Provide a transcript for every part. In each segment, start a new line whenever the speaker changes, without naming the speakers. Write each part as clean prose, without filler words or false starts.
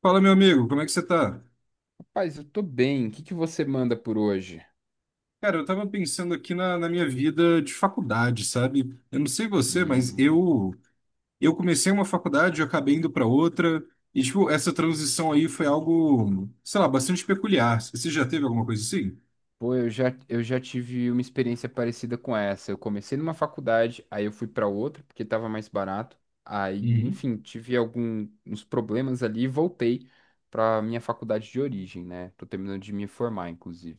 Fala, meu amigo, como é que você tá?
Paz, eu tô bem. O que que você manda por hoje?
Cara, eu tava pensando aqui na minha vida de faculdade, sabe? Eu não sei você, mas
Hum,
eu comecei uma faculdade, eu acabei indo pra outra, e tipo, essa transição aí foi algo, sei lá, bastante peculiar. Você já teve alguma coisa assim?
Pô, eu já tive uma experiência parecida com essa. Eu comecei numa faculdade, aí eu fui pra outra porque tava mais barato. Aí,
Uhum,
enfim, tive alguns problemas ali e voltei pra minha faculdade de origem, né? Tô terminando de me formar, inclusive.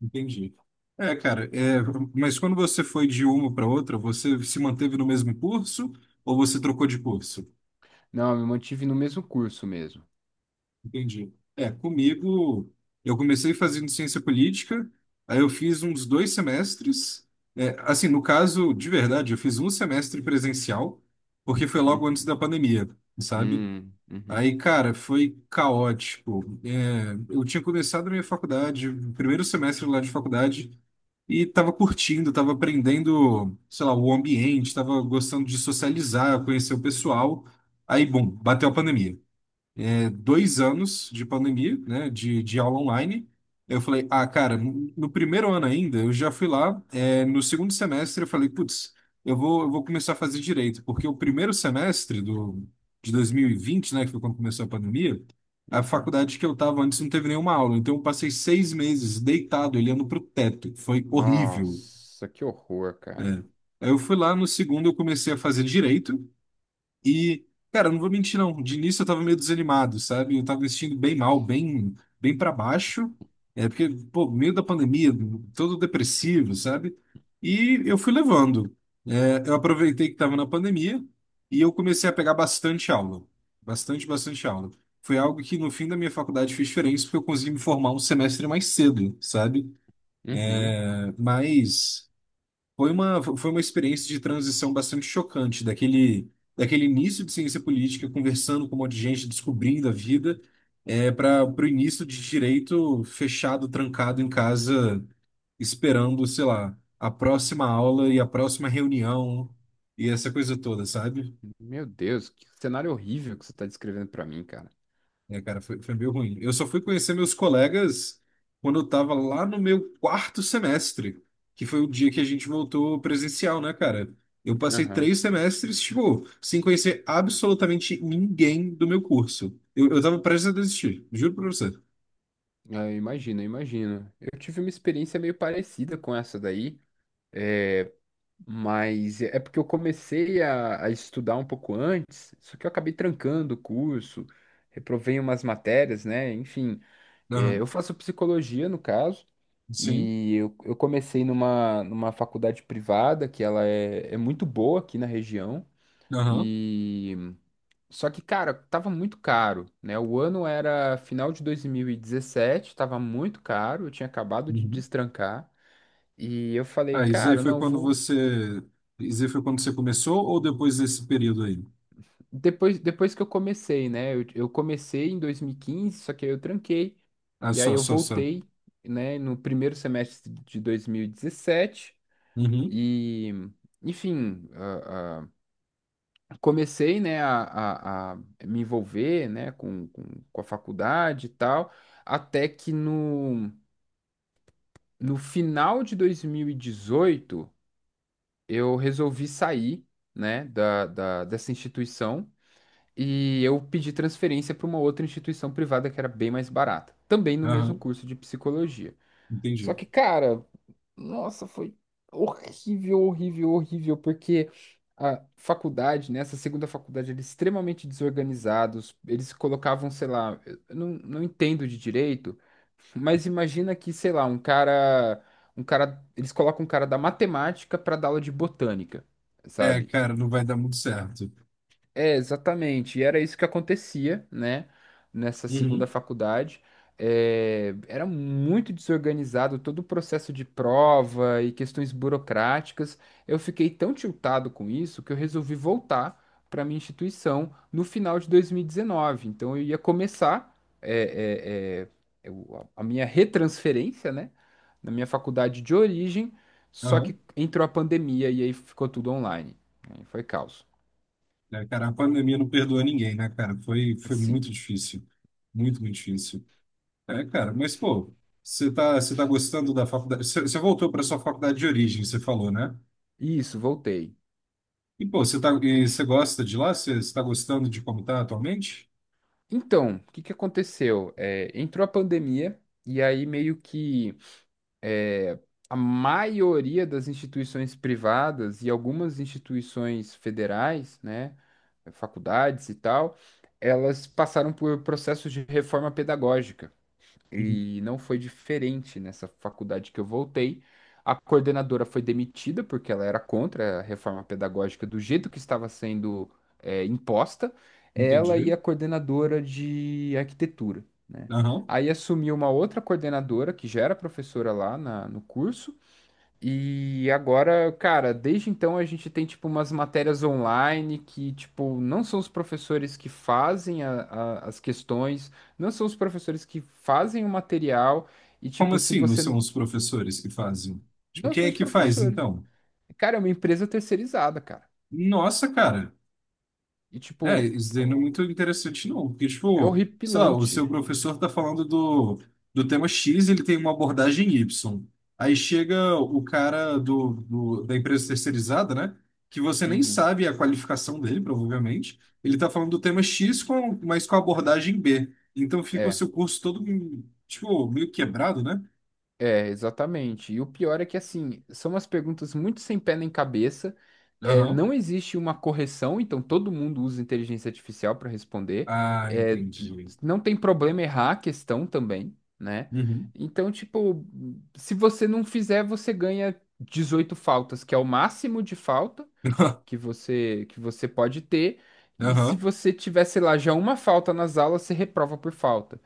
entendi. É, cara, é, mas quando você foi de uma para outra, você se manteve no mesmo curso ou você trocou de curso?
Não, eu me mantive no mesmo curso mesmo.
Entendi. É, comigo, eu comecei fazendo ciência política, aí eu fiz uns 2 semestres. É, assim, no caso, de verdade, eu fiz um semestre presencial, porque foi logo antes
Uhum.
da pandemia, sabe?
Uhum.
Aí, cara, foi caótico. É, eu tinha começado a minha faculdade, o primeiro semestre lá de faculdade, e tava curtindo, tava aprendendo, sei lá, o ambiente, tava gostando de socializar, conhecer o pessoal. Aí, bom, bateu a pandemia, 2 anos de pandemia, né, de aula online. Eu falei, ah, cara, no primeiro ano ainda, eu já fui lá, é, no segundo semestre eu falei, putz, eu vou começar a fazer direito, porque o primeiro semestre de 2020, né, que foi quando começou a pandemia, a
Uhum.
faculdade que eu estava antes não teve nenhuma aula, então eu passei 6 meses deitado, olhando para o teto, foi horrível,
Nossa, que horror,
né?
cara.
Aí eu fui lá, no segundo eu comecei a fazer direito, e, cara, eu não vou mentir, não. De início eu tava meio desanimado, sabe? Eu tava vestindo bem mal, bem para baixo. É porque, pô, meio da pandemia, todo depressivo, sabe? E eu fui levando. É, eu aproveitei que tava na pandemia e eu comecei a pegar bastante aula. Bastante, bastante aula. Foi algo que no fim da minha faculdade fez diferença porque eu consegui me formar um semestre mais cedo, sabe?
Uhum.
É, mas, foi uma experiência de transição bastante chocante, daquele início de ciência política, conversando com um monte de gente, descobrindo a vida, é, para o início de direito fechado, trancado em casa, esperando, sei lá, a próxima aula e a próxima reunião e essa coisa toda, sabe?
Meu Deus, que cenário horrível que você tá descrevendo pra mim, cara.
É, cara, foi meio ruim. Eu só fui conhecer meus colegas quando eu tava lá no meu quarto semestre, que foi o dia que a gente voltou presencial, né, cara? Eu passei
Aham.
3 semestres, tipo, sem conhecer absolutamente ninguém do meu curso. Eu tava prestes a desistir, juro pra você.
Ah, imagino, imagino. Eu tive uma experiência meio parecida com essa daí, é, mas é porque eu comecei a estudar um pouco antes, só que eu acabei trancando o curso, reprovei umas matérias, né? Enfim, é,
Aham,
eu faço psicologia no caso,
sim,
e eu comecei numa faculdade privada, que ela é muito boa aqui na região.
aham.
Só que, cara, tava muito caro, né? O ano era final de 2017, tava muito caro, eu tinha acabado de
Uhum.
destrancar. E eu falei,
Ah, isso aí
cara,
foi
não,
quando
vou.
você. Isso aí foi quando você começou ou depois desse período aí?
Depois, depois que eu comecei, né? Eu comecei em 2015, só que aí eu tranquei.
Ah,
E aí
só,
eu
só, só.
voltei, né, no primeiro semestre de 2017.
Uhum,
E, dezessete. E, enfim, comecei, né, a me envolver, né, com a faculdade e tal. Até que no No final de 2018, eu resolvi sair, né, dessa instituição e eu pedi transferência para uma outra instituição privada que era bem mais barata, também no mesmo
aham,
curso de psicologia. Só
entendi.
que, cara, nossa, foi horrível, horrível, horrível, porque a faculdade, né, essa segunda faculdade, eles extremamente desorganizados, eles colocavam, sei lá, eu não entendo de direito, mas imagina que, sei lá, um cara, eles colocam um cara da matemática para dar aula de botânica,
É,
sabe?
cara, não vai dar muito certo.
É, exatamente. E era isso que acontecia, né? Nessa segunda
Uhum.
faculdade. É, era muito desorganizado todo o processo de prova e questões burocráticas. Eu fiquei tão tiltado com isso que eu resolvi voltar para minha instituição no final de 2019. Então eu ia começar a minha retransferência, né? Na minha faculdade de origem, só que
Aham.
entrou a pandemia e aí ficou tudo online. Aí foi caos.
É, cara, a pandemia não perdoa ninguém, né, cara? Foi muito
Sim.
difícil. Muito, muito difícil. É, cara, mas, pô, você tá gostando da faculdade? Você voltou para sua faculdade de origem, você falou, né?
Isso, voltei.
E, pô, você tá, e você gosta de lá? Você tá gostando de como tá atualmente?
Então, o que que aconteceu? É, entrou a pandemia e aí meio que é, a maioria das instituições privadas e algumas instituições federais, né, faculdades e tal, elas passaram por processos de reforma pedagógica.
Uhum.
E não foi diferente nessa faculdade que eu voltei. A coordenadora foi demitida porque ela era contra a reforma pedagógica do jeito que estava sendo, é, imposta. Ela e
Entendi.
a coordenadora de arquitetura, né?
Aham.
Aí assumiu uma outra coordenadora que já era professora no curso e agora, cara, desde então a gente tem, tipo, umas matérias online que, tipo, não são os professores que fazem as questões, não são os professores que fazem o material, e,
Como
tipo, se
assim não
você.
são
N-
os professores que fazem? Tipo,
Não
quem
são
é
os
que faz,
professores.
então?
Cara, é uma empresa terceirizada, cara.
Nossa, cara.
E,
É,
tipo,
isso daí não é muito interessante, não. Porque,
é
tipo, sei lá, o
horripilante.
seu professor tá falando do tema X, ele tem uma abordagem Y. Aí chega o cara da empresa terceirizada, né? Que você nem
Uhum.
sabe a qualificação dele, provavelmente. Ele tá falando do tema X, com, mas com a abordagem B. Então fica o
É.
seu curso todo, tipo, meio quebrado, né?
É, exatamente. E o pior é que, assim, são umas perguntas muito sem pé nem cabeça. É,
Aham.
não existe uma correção, então todo mundo usa inteligência artificial para responder.
Ah,
É,
entendi.
não tem problema errar a questão também, né?
Uhum.
Então, tipo, se você não fizer, você ganha 18 faltas, que é o máximo de falta que você, que você pode ter. E se
Aham,
você tiver, sei lá, já uma falta nas aulas, você reprova por falta.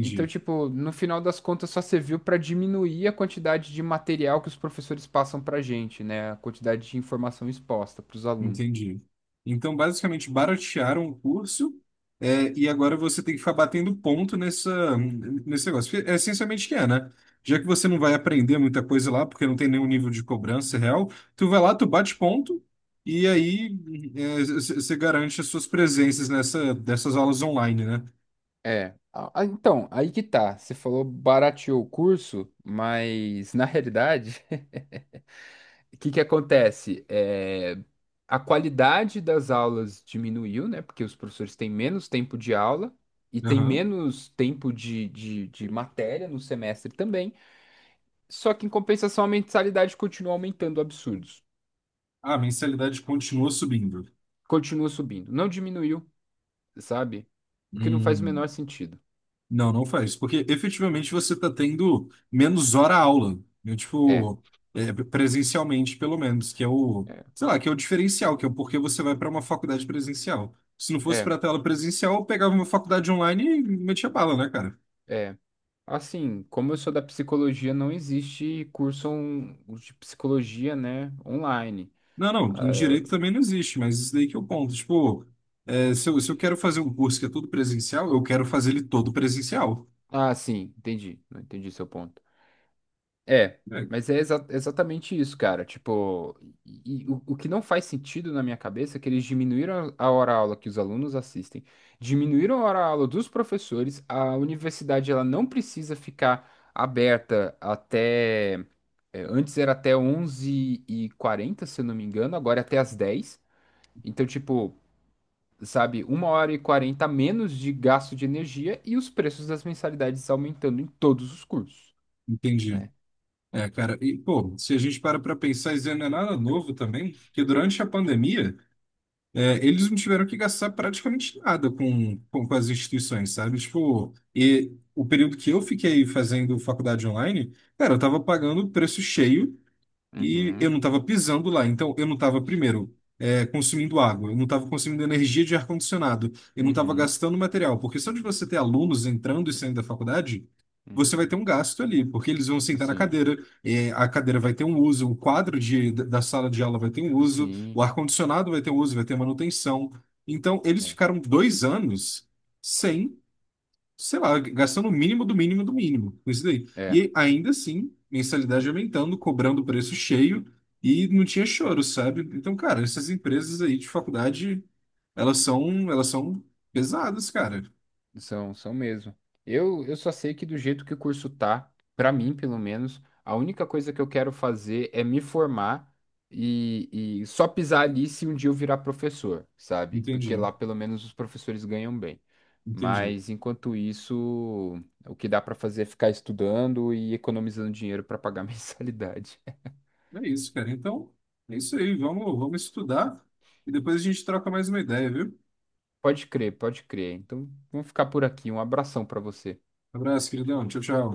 Então, tipo, no final das contas só serviu para diminuir a quantidade de material que os professores passam pra gente, né? A quantidade de informação exposta para os alunos.
Entendi. Então, basicamente, baratearam o curso, é, e agora você tem que ficar batendo ponto nessa, nesse negócio. Porque é essencialmente que é, né? Já que você não vai aprender muita coisa lá, porque não tem nenhum nível de cobrança real, tu vai lá, tu bate ponto, e aí é, você garante as suas presenças nessa, dessas aulas online, né?
É. Então, aí que tá. Você falou barateou o curso, mas na realidade, o que que acontece? É, a qualidade das aulas diminuiu, né? Porque os professores têm menos tempo de aula e têm
Aham.
menos tempo de matéria no semestre também. Só que, em compensação, a mensalidade continua aumentando absurdos.
Ah, a mensalidade continua subindo.
Continua subindo. Não diminuiu, sabe? O que não faz o
Hum.
menor sentido.
Não, não faz, porque efetivamente você está tendo menos hora aula, né?
É,
Tipo, é, presencialmente pelo menos, que é o,
é,
sei lá, que é o diferencial, que é o porquê você vai para uma faculdade presencial. Se não fosse
é,
para a tela presencial, eu pegava uma faculdade online e metia bala, né, cara?
é. Assim, como eu sou da psicologia, não existe de psicologia, né, online.
Não, não, em direito também não existe, mas isso daí que é o ponto. Tipo, é, se eu quero fazer um curso que é todo presencial, eu quero fazer ele todo presencial.
Ah, ah, sim, entendi. Não entendi seu ponto. É,
É,
mas é exatamente isso, cara. Tipo, e o que não faz sentido na minha cabeça é que eles diminuíram a hora-aula que os alunos assistem, diminuíram a hora-aula dos professores. A universidade ela não precisa ficar aberta até. É, antes era até 11h40, se eu não me engano, agora é até às 10h. Então, tipo, sabe, 1h40 a menos de gasto de energia e os preços das mensalidades aumentando em todos os cursos,
entendi.
né?
É, cara, e pô, se a gente para pensar, isso não é nada novo também, que durante a pandemia é, eles não tiveram que gastar praticamente nada com as instituições, sabe? Tipo, e o período que eu fiquei fazendo faculdade online, cara, eu tava pagando o preço cheio e eu não
Uhum,
estava pisando lá, então eu não estava, primeiro, é, consumindo água, eu não estava consumindo energia de ar-condicionado, eu não estava
uhum.
gastando material, porque só de você ter alunos entrando e saindo da faculdade, você vai
Uhum.
ter um gasto ali, porque eles vão sentar na
Assim,
cadeira, é, a cadeira vai ter um uso, o quadro de, da sala de aula vai ter um uso, o
sim,
ar-condicionado vai ter um uso, vai ter manutenção. Então, eles
é,
ficaram 2 anos sem, sei lá, gastando o mínimo do mínimo do mínimo com isso daí.
é,
E ainda assim, mensalidade aumentando, cobrando o preço cheio e não tinha choro, sabe? Então, cara, essas empresas aí de faculdade, elas são pesadas, cara.
são, são mesmo. Eu só sei que do jeito que o curso tá, pra mim, pelo menos, a única coisa que eu quero fazer é me formar e só pisar ali se um dia eu virar professor, sabe? Porque
Entendi,
lá pelo menos os professores ganham bem.
entendi.
Mas enquanto isso, o que dá pra fazer é ficar estudando e economizando dinheiro pra pagar mensalidade.
É isso, cara. Então, é isso aí. Vamos, vamos estudar e depois a gente troca mais uma ideia, viu?
Pode crer, pode crer. Então, vamos ficar por aqui. Um abração pra você.
Abraço, queridão. Tchau, tchau.